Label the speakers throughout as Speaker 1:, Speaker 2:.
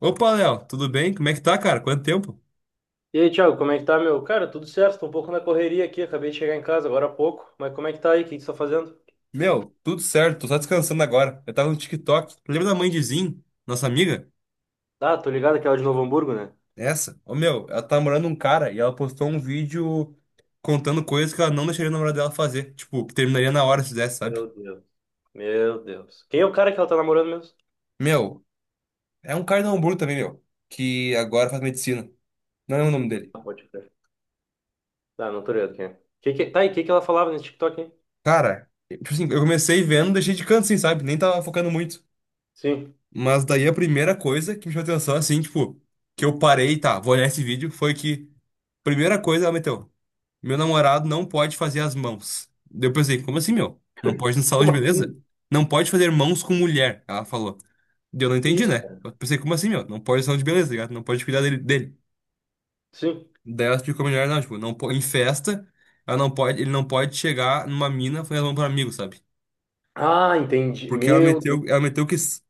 Speaker 1: Opa, Léo, tudo bem? Como é que tá, cara? Quanto tempo?
Speaker 2: E aí, Thiago, como é que tá, meu? Cara, tudo certo, tô um pouco na correria aqui, acabei de chegar em casa agora há pouco, mas como é que tá aí? O que que você tá fazendo?
Speaker 1: Meu, tudo certo, tô só descansando agora. Eu tava no TikTok. Lembra da mãe de Zin, nossa amiga?
Speaker 2: Ah, tô ligado que ela é de Novo Hamburgo, né?
Speaker 1: Essa? Ô, meu, ela tá namorando um cara e ela postou um vídeo contando coisas que ela não deixaria o namorado dela fazer. Tipo, que terminaria na hora se fizesse,
Speaker 2: Meu
Speaker 1: sabe?
Speaker 2: Deus. Meu Deus. Quem é o cara que ela tá namorando mesmo?
Speaker 1: Meu, é um cara de Hamburgo também, meu, que agora faz medicina. Não é o nome
Speaker 2: Não
Speaker 1: dele.
Speaker 2: pode crer. Ah, não tô ligado quem é. Que... Tá, e o que que ela falava nesse TikTok, hein?
Speaker 1: Cara, tipo assim, eu comecei vendo, deixei de canto, assim, sabe? Nem tava focando muito.
Speaker 2: Sim.
Speaker 1: Mas daí a primeira coisa que me chamou atenção, assim, tipo, que eu parei, tá, vou olhar esse vídeo, foi que. Primeira coisa, ela meteu. Meu namorado não pode fazer as mãos. Daí eu pensei, como assim, meu? Não pode no salão
Speaker 2: Como
Speaker 1: de beleza?
Speaker 2: assim?
Speaker 1: Não pode fazer mãos com mulher, ela falou. Daí eu não
Speaker 2: Que
Speaker 1: entendi,
Speaker 2: isso,
Speaker 1: né?
Speaker 2: cara?
Speaker 1: Eu pensei, como assim, meu? Não pode no salão de beleza, tá ligado? Não pode cuidar dele.
Speaker 2: Sim.
Speaker 1: Daí ela explicou melhor, não, tipo, não, em festa, ela não pode, ele não pode chegar numa mina fazer as mãos para amigo, sabe?
Speaker 2: Ah, entendi.
Speaker 1: Porque ela
Speaker 2: Meu Deus.
Speaker 1: meteu, ela meteu que.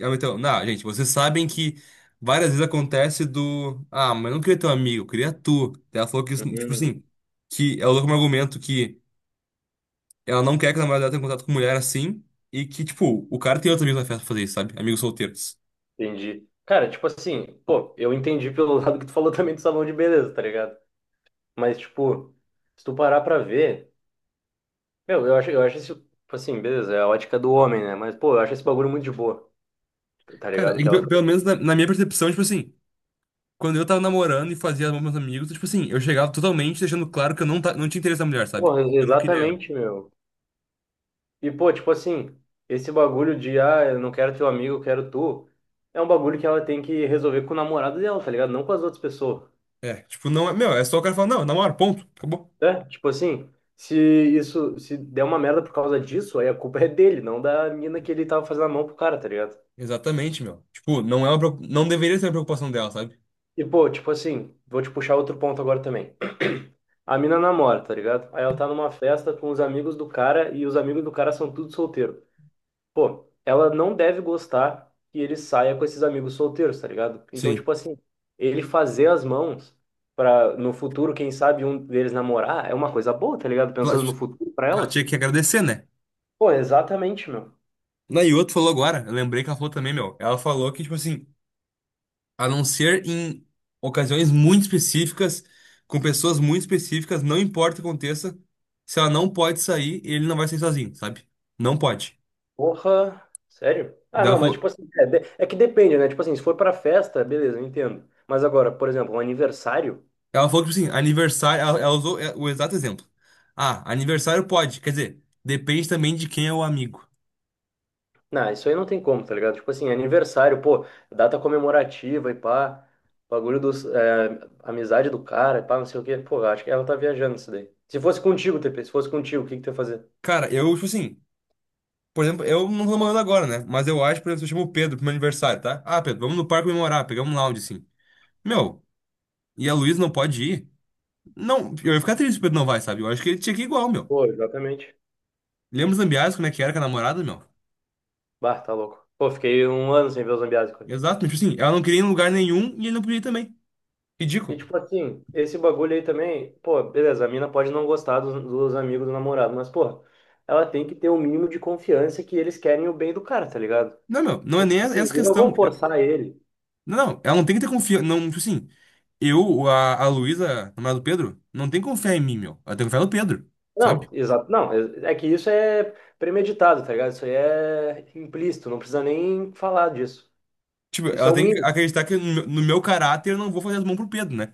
Speaker 1: Ela meteu, não, gente, vocês sabem que várias vezes acontece do. Ah, mas eu não queria teu amigo, eu queria tu. Daí ela falou que, isso, tipo
Speaker 2: Uhum,
Speaker 1: assim, que ela usou como argumento que. Ela não quer que a namorada dela tenha contato com mulher assim. E que, tipo, o cara tem outros amigos na festa pra fazer isso, sabe? Amigos solteiros.
Speaker 2: entendi. Cara, tipo assim, pô, eu entendi pelo lado que tu falou também do salão de beleza, tá ligado? Mas, tipo, se tu parar pra ver. Meu, eu acho isso, tipo assim, beleza, é a ótica do homem, né? Mas, pô, eu acho esse bagulho muito de boa, tá
Speaker 1: Cara,
Speaker 2: ligado? O
Speaker 1: é
Speaker 2: que
Speaker 1: que,
Speaker 2: ela
Speaker 1: pelo
Speaker 2: falou.
Speaker 1: menos na minha percepção, tipo assim, quando eu tava namorando e fazia amor com meus amigos, tipo assim, eu chegava totalmente deixando claro que eu não, não tinha interesse na mulher, sabe?
Speaker 2: Pô,
Speaker 1: Eu não queria ela.
Speaker 2: exatamente, meu. E, pô, tipo assim, esse bagulho de, ah, eu não quero teu amigo, eu quero tu, é um bagulho que ela tem que resolver com o namorado dela, tá ligado? Não com as outras pessoas.
Speaker 1: É, tipo, não é. Meu, é só o cara falar, não, eu namoro, ponto, acabou.
Speaker 2: É, tipo assim, se isso, se der uma merda por causa disso, aí a culpa é dele, não da mina que ele tava fazendo a mão pro cara, tá ligado?
Speaker 1: Exatamente, meu. Tipo, não é uma, não deveria ser uma preocupação dela, sabe?
Speaker 2: E, pô, tipo assim, vou te puxar outro ponto agora também. A mina namora, tá ligado? Aí ela tá numa festa com os amigos do cara e os amigos do cara são tudo solteiro. Pô, ela não deve gostar que ele saia com esses amigos solteiros, tá ligado? Então,
Speaker 1: Sim.
Speaker 2: tipo assim, ele fazer as mãos pra no futuro, quem sabe um deles namorar, é uma coisa boa, tá ligado?
Speaker 1: Ela,
Speaker 2: Pensando no
Speaker 1: tipo,
Speaker 2: futuro pra
Speaker 1: ela
Speaker 2: ela.
Speaker 1: tinha que agradecer, né?
Speaker 2: Pô, exatamente, meu.
Speaker 1: Na e outro falou agora, eu lembrei que ela falou também, meu. Ela falou que, tipo assim. A não ser em ocasiões muito específicas, com pessoas muito específicas, não importa o que aconteça, se ela não pode sair, ele não vai sair sozinho, sabe? Não pode.
Speaker 2: Porra, sério? Ah,
Speaker 1: Daí
Speaker 2: não,
Speaker 1: ela
Speaker 2: mas tipo
Speaker 1: falou,
Speaker 2: assim, é, de- é que depende, né? Tipo assim, se for pra festa, beleza, eu entendo. Mas agora, por exemplo, um aniversário,
Speaker 1: ela falou que, tipo assim, aniversário, ela usou é, o exato exemplo. Ah, aniversário pode, quer dizer, depende também de quem é o amigo.
Speaker 2: não, isso aí não tem como, tá ligado? Tipo assim, aniversário, pô, data comemorativa e pá, bagulho dos, é, amizade do cara e pá, não sei o quê. Pô, eu acho que ela tá viajando isso daí. Se fosse contigo, TP, se fosse contigo, o que que tu ia fazer?
Speaker 1: Cara, eu, tipo assim, por exemplo, eu não tô namorando agora, né? Mas eu acho, por exemplo, se eu chamo o Pedro pro meu aniversário, tá? Ah, Pedro, vamos no parque comemorar, pegamos um lounge, assim. Meu, e a Luísa não pode ir? Não, eu ia ficar triste se o Pedro não vai, sabe? Eu acho que ele tinha que ir igual, meu.
Speaker 2: Pô, exatamente.
Speaker 1: Lembra os Zambiás, como é que era com a namorada, meu?
Speaker 2: Bah, tá louco. Pô, fiquei um ano sem ver o Zambiase.
Speaker 1: Exato, mas tipo assim, ela não queria ir em lugar nenhum e ele não podia ir também.
Speaker 2: E
Speaker 1: Ridículo.
Speaker 2: tipo assim, esse bagulho aí também, pô, beleza, a mina pode não gostar dos amigos do namorado, mas, pô, ela tem que ter o mínimo de confiança que eles querem o bem do cara, tá ligado?
Speaker 1: Não, meu, não é
Speaker 2: Então,
Speaker 1: nem
Speaker 2: tipo assim,
Speaker 1: essa
Speaker 2: eles não
Speaker 1: questão.
Speaker 2: vão
Speaker 1: É,
Speaker 2: forçar ele.
Speaker 1: não, ela não tem que ter confiança. Não, tipo assim, eu, a Luísa, namorada do Pedro, não tem que confiar em mim, meu. Ela tem que confiar no Pedro,
Speaker 2: Não,
Speaker 1: sabe?
Speaker 2: exato, não, é que isso é premeditado, tá ligado? Isso aí é implícito, não precisa nem falar disso.
Speaker 1: Tipo,
Speaker 2: Isso é
Speaker 1: ela
Speaker 2: o
Speaker 1: tem que
Speaker 2: mínimo.
Speaker 1: acreditar que no, meu no meu caráter eu não vou fazer as mãos pro Pedro, né?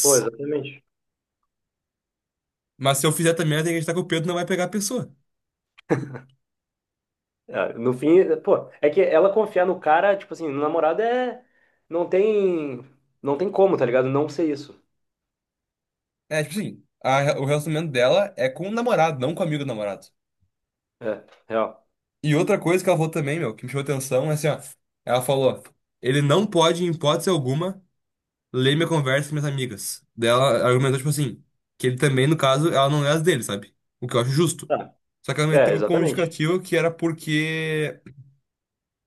Speaker 2: Pô, exatamente.
Speaker 1: mas se eu fizer também, ela tem que acreditar que o Pedro não vai pegar a pessoa.
Speaker 2: É, no fim, pô, é que ela confiar no cara, tipo assim, no namorado é. Não tem. Não tem como, tá ligado? Não ser isso.
Speaker 1: É, tipo assim, o relacionamento dela é com o namorado, não com o amigo do namorado.
Speaker 2: É, real.
Speaker 1: E outra coisa que ela falou também, meu, que me chamou atenção, é assim, ó. Ela falou, ele não pode, em hipótese alguma, ler minha conversa com minhas amigas. Daí ela argumentou, tipo assim, que ele também, no caso, ela não lê as dele, sabe? O que eu acho justo. Só que ela
Speaker 2: É,
Speaker 1: meteu como
Speaker 2: exatamente.
Speaker 1: justificativa que era porque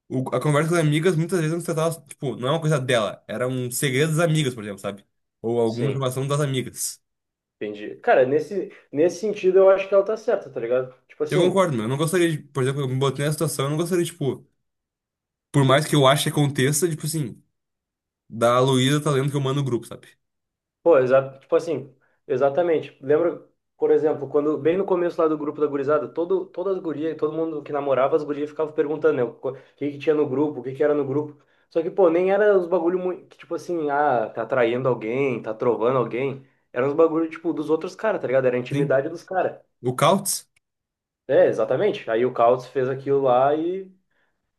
Speaker 1: a conversa com as amigas muitas vezes não se tratava, tipo, não é uma coisa dela, era um segredo das amigas, por exemplo, sabe? Ou alguma
Speaker 2: Sim,
Speaker 1: informação das amigas.
Speaker 2: entendi. Cara, nesse sentido eu acho que ela tá certa, tá ligado? Tipo
Speaker 1: Eu
Speaker 2: assim,
Speaker 1: concordo, meu. Eu não gostaria de, por exemplo, eu me botei nessa situação, eu não gostaria, tipo, por mais que eu ache que aconteça, tipo assim. Da Luísa tá lendo que eu mando o grupo, sabe?
Speaker 2: pô, exatamente. Lembra, por exemplo, quando bem no começo lá do grupo da gurizada, todas as gurias, todo mundo que namorava as gurias ficava perguntando, né, o que que tinha no grupo, o que que era no grupo. Só que, pô, nem era os bagulho muito, que, tipo assim, ah, tá traindo alguém, tá trovando alguém. Eram os bagulho, tipo, dos outros caras, tá ligado? Era a
Speaker 1: Sim.
Speaker 2: intimidade dos caras.
Speaker 1: O Cautz?
Speaker 2: É, exatamente. Aí o Caos fez aquilo lá e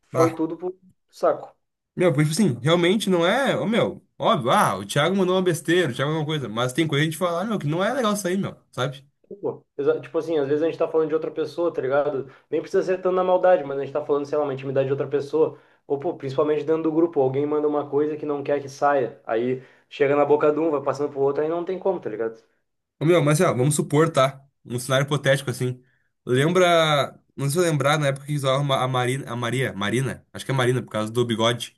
Speaker 2: foi
Speaker 1: Ah.
Speaker 2: tudo pro saco.
Speaker 1: Meu, porque, tipo assim, realmente não é. Ô, meu, óbvio, ah, o Thiago mandou uma besteira, o Thiago alguma coisa. Mas tem coisa que a gente fala, ah, meu, que não é legal isso aí, meu, sabe?
Speaker 2: Pô, tipo assim, às vezes a gente tá falando de outra pessoa, tá ligado? Nem precisa ser tanto na maldade, mas a gente tá falando, sei lá, uma intimidade de outra pessoa. Ou, pô, principalmente dentro do grupo, alguém manda uma coisa que não quer que saia. Aí chega na boca de um, vai passando pro outro, aí não tem como, tá ligado?
Speaker 1: Ô, meu, mas ó, vamos supor, tá? Um cenário hipotético, assim. Lembra. Não sei se eu lembrar na época que usava a Marina. A Maria. Marina? Acho que é Marina, por causa do bigode.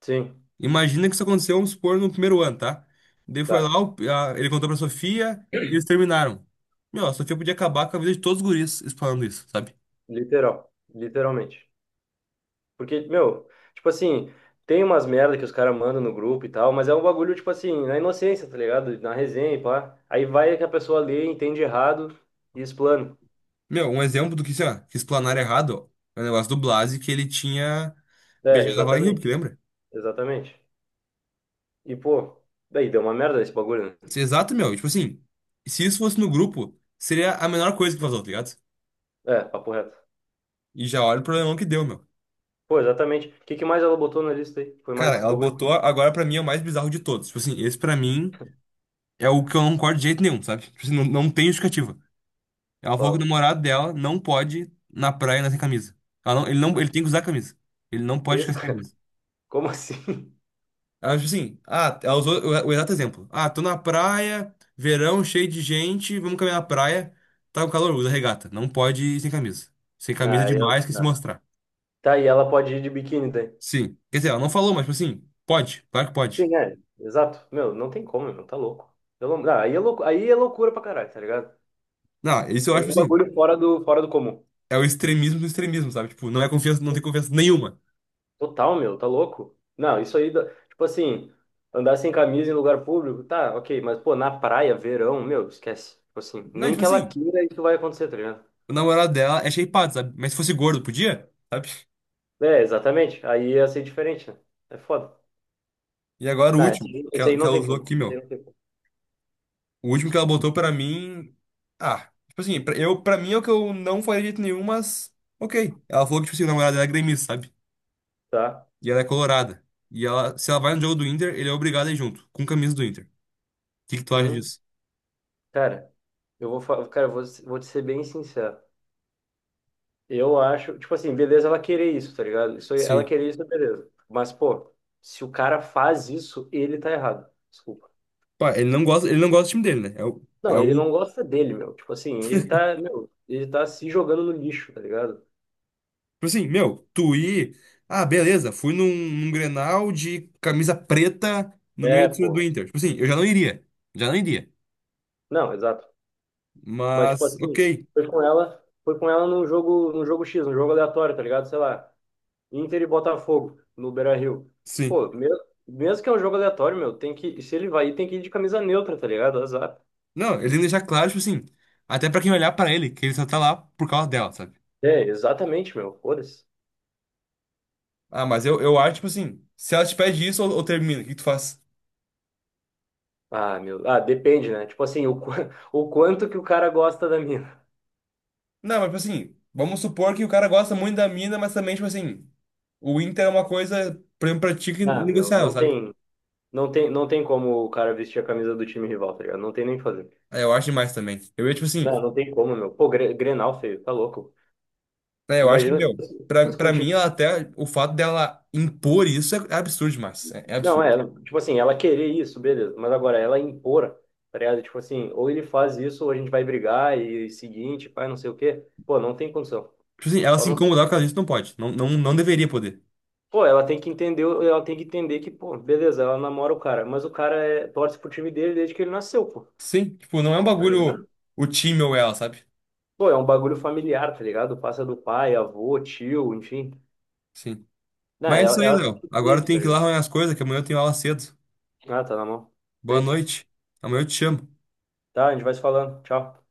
Speaker 2: Sim,
Speaker 1: Imagina que isso aconteceu, vamos supor, no primeiro ano, tá? Daí foi
Speaker 2: tá.
Speaker 1: lá, ele contou pra Sofia e eles terminaram. Meu, a Sofia podia acabar com a vida de todos os guris falando isso, sabe?
Speaker 2: Literal. Literalmente. Porque, meu, tipo assim, tem umas merda que os caras mandam no grupo e tal, mas é um bagulho, tipo assim, na inocência, tá ligado? Na resenha e pá. Aí vai que a pessoa lê, entende errado e explana.
Speaker 1: Meu, um exemplo do que, sei lá, que explanaram errado, ó, é o negócio do Blasi que ele tinha
Speaker 2: É,
Speaker 1: beijado a Vale Rio que
Speaker 2: exatamente.
Speaker 1: lembra?
Speaker 2: Exatamente. E, pô, daí deu uma merda esse bagulho, né?
Speaker 1: Isso é exato, meu. Tipo assim, se isso fosse no grupo, seria a menor coisa que vazou, tá ligado?
Speaker 2: É, papo reto.
Speaker 1: E já olha o problemão que deu, meu.
Speaker 2: Pô, exatamente. O que que mais ela botou na lista aí? Foi mais
Speaker 1: Cara,
Speaker 2: esses
Speaker 1: ela
Speaker 2: bagulho?
Speaker 1: botou, agora pra mim é o mais bizarro de todos. Tipo assim, esse pra mim é o que eu não concordo de jeito nenhum, sabe? Tipo assim, não tem justificativa. Ela falou que o
Speaker 2: Fala.
Speaker 1: namorado dela não pode ir na praia na sem camisa. Ela não, ele não,
Speaker 2: Ah,
Speaker 1: ele tem que usar camisa. Ele não
Speaker 2: que
Speaker 1: pode
Speaker 2: isso,
Speaker 1: ficar sem
Speaker 2: cara?
Speaker 1: camisa.
Speaker 2: Como assim?
Speaker 1: Acho assim, ah, ela usou o exato exemplo. Ah, tô na praia, verão, cheio de gente, vamos caminhar na praia. Tá com calor, usa regata. Não pode ir sem camisa. Sem
Speaker 2: Não,
Speaker 1: camisa é
Speaker 2: aí ela...
Speaker 1: demais que se
Speaker 2: não.
Speaker 1: mostrar.
Speaker 2: Tá, e ela pode ir de biquíni daí.
Speaker 1: Sim. Quer dizer, ela não falou, mas, tipo assim, pode, claro que pode.
Speaker 2: Sim, é. Exato. Meu, não tem como, meu. Tá louco. Eu não- ah, aí é louco, aí é loucura pra caralho, tá ligado?
Speaker 1: Não, isso eu
Speaker 2: É
Speaker 1: acho,
Speaker 2: um
Speaker 1: tipo assim,
Speaker 2: bagulho fora do comum.
Speaker 1: é o extremismo do extremismo, sabe? Tipo, não é confiança, não tem confiança nenhuma.
Speaker 2: Total, meu, tá louco? Não, isso aí, tipo assim, andar sem camisa em lugar público, tá, ok, mas pô, na praia, verão, meu, esquece. Tipo assim,
Speaker 1: Não,
Speaker 2: nem
Speaker 1: tipo
Speaker 2: que ela
Speaker 1: assim,
Speaker 2: queira, isso vai acontecer, tá ligado?
Speaker 1: o namorado dela é shapeado, sabe? Mas se fosse gordo, podia, sabe?
Speaker 2: É, exatamente. Aí ia ser diferente, né? É foda.
Speaker 1: E agora o
Speaker 2: Tá, esse
Speaker 1: último,
Speaker 2: aí,
Speaker 1: que
Speaker 2: esse aí
Speaker 1: ela, que
Speaker 2: não
Speaker 1: ela
Speaker 2: tem
Speaker 1: usou
Speaker 2: como.
Speaker 1: aqui,
Speaker 2: Esse aí
Speaker 1: meu.
Speaker 2: não tem como.
Speaker 1: O último que ela botou pra mim. Ah, tipo assim, pra, eu, pra mim é o que eu não faria de jeito nenhum, mas. Ok. Ela falou que, tipo assim, o namorado dela é gremista, sabe?
Speaker 2: Tá?
Speaker 1: E ela é colorada. E ela, se ela vai no jogo do Inter, ele é obrigado a ir junto, com camisa do Inter. O que que tu acha
Speaker 2: Hum,
Speaker 1: disso?
Speaker 2: cara, cara, vou te ser bem sincero. Eu acho, tipo assim, beleza ela querer isso, tá ligado? Isso, ela
Speaker 1: Sim.
Speaker 2: querer isso, beleza. Mas, pô, se o cara faz isso, ele tá errado. Desculpa.
Speaker 1: Pá, ele não gosta do time dele, né? É o, é
Speaker 2: Não,
Speaker 1: o.
Speaker 2: ele não
Speaker 1: Tipo
Speaker 2: gosta dele, meu. Tipo assim, ele tá, meu, ele tá se jogando no lixo, tá ligado?
Speaker 1: assim, meu, tu ir. Ah, beleza, num Grenal de camisa preta no meio
Speaker 2: É,
Speaker 1: do
Speaker 2: pô.
Speaker 1: Inter. Tipo assim, eu já não iria. Já não iria.
Speaker 2: Não, exato. Mas, tipo
Speaker 1: Mas,
Speaker 2: assim,
Speaker 1: ok.
Speaker 2: foi com ela num jogo X, num jogo aleatório, tá ligado? Sei lá, Inter e Botafogo, no Beira-Rio.
Speaker 1: Sim.
Speaker 2: Pô, me- mesmo que é um jogo aleatório, meu, tem que, se ele vai ir, tem que ir de camisa neutra, tá ligado? Azar.
Speaker 1: Não, ele tem que deixar claro, tipo assim, até pra quem olhar pra ele, que ele só tá lá por causa dela, sabe?
Speaker 2: É, exatamente, meu. Foda-se.
Speaker 1: Ah, mas eu acho, tipo assim, se ela te pede isso ou termina, o que que tu faz?
Speaker 2: Ah, meu. Ah, depende, né? Tipo assim, o quanto que o cara gosta da mina.
Speaker 1: Não, mas, tipo assim, vamos supor que o cara gosta muito da mina, mas também, tipo assim, o Inter é uma coisa, por exemplo, pra ti que é
Speaker 2: Ah, meu,
Speaker 1: negociável,
Speaker 2: não
Speaker 1: sabe?
Speaker 2: tem. Não tem como o cara vestir a camisa do time rival, tá ligado? Não tem nem o que fazer.
Speaker 1: É, eu acho demais também. Eu ia, tipo assim,
Speaker 2: Não, não tem como, meu. Pô, Grenal, feio, tá louco.
Speaker 1: é, eu acho que,
Speaker 2: Imagina se
Speaker 1: meu,
Speaker 2: fosse se
Speaker 1: pra,
Speaker 2: fosse
Speaker 1: pra mim,
Speaker 2: contigo.
Speaker 1: ela até, o fato dela impor isso é, é absurdo demais, é, é
Speaker 2: Não, é,
Speaker 1: absurdo.
Speaker 2: tipo assim, ela querer isso, beleza. Mas agora, ela impor, tá ligado? Tipo assim, ou ele faz isso, ou a gente vai brigar e seguinte, pai, não sei o quê. Pô, não tem condição.
Speaker 1: Tipo assim, ela
Speaker 2: Só
Speaker 1: se
Speaker 2: não.
Speaker 1: incomodar por causa disso não pode, não deveria poder.
Speaker 2: Pô, ela tem que entender que, pô, beleza, ela namora o cara, mas o cara é, torce pro time dele desde que ele nasceu, pô,
Speaker 1: Sim, tipo, não é um
Speaker 2: tá
Speaker 1: bagulho
Speaker 2: ligado?
Speaker 1: o time ou ela, sabe?
Speaker 2: Pô, é um bagulho familiar, tá ligado? Passa do pai, avô, tio, enfim.
Speaker 1: Sim.
Speaker 2: Não,
Speaker 1: Mas é isso
Speaker 2: ela,
Speaker 1: aí,
Speaker 2: ela tem
Speaker 1: Léo.
Speaker 2: que fazer
Speaker 1: Agora eu
Speaker 2: isso, tá
Speaker 1: tenho que ir lá
Speaker 2: ligado?
Speaker 1: arrumar as coisas, que amanhã eu tenho aula cedo.
Speaker 2: Ah, tá na mão.
Speaker 1: Boa
Speaker 2: Feito.
Speaker 1: noite. Amanhã eu te chamo.
Speaker 2: Tá, a gente vai se falando. Tchau.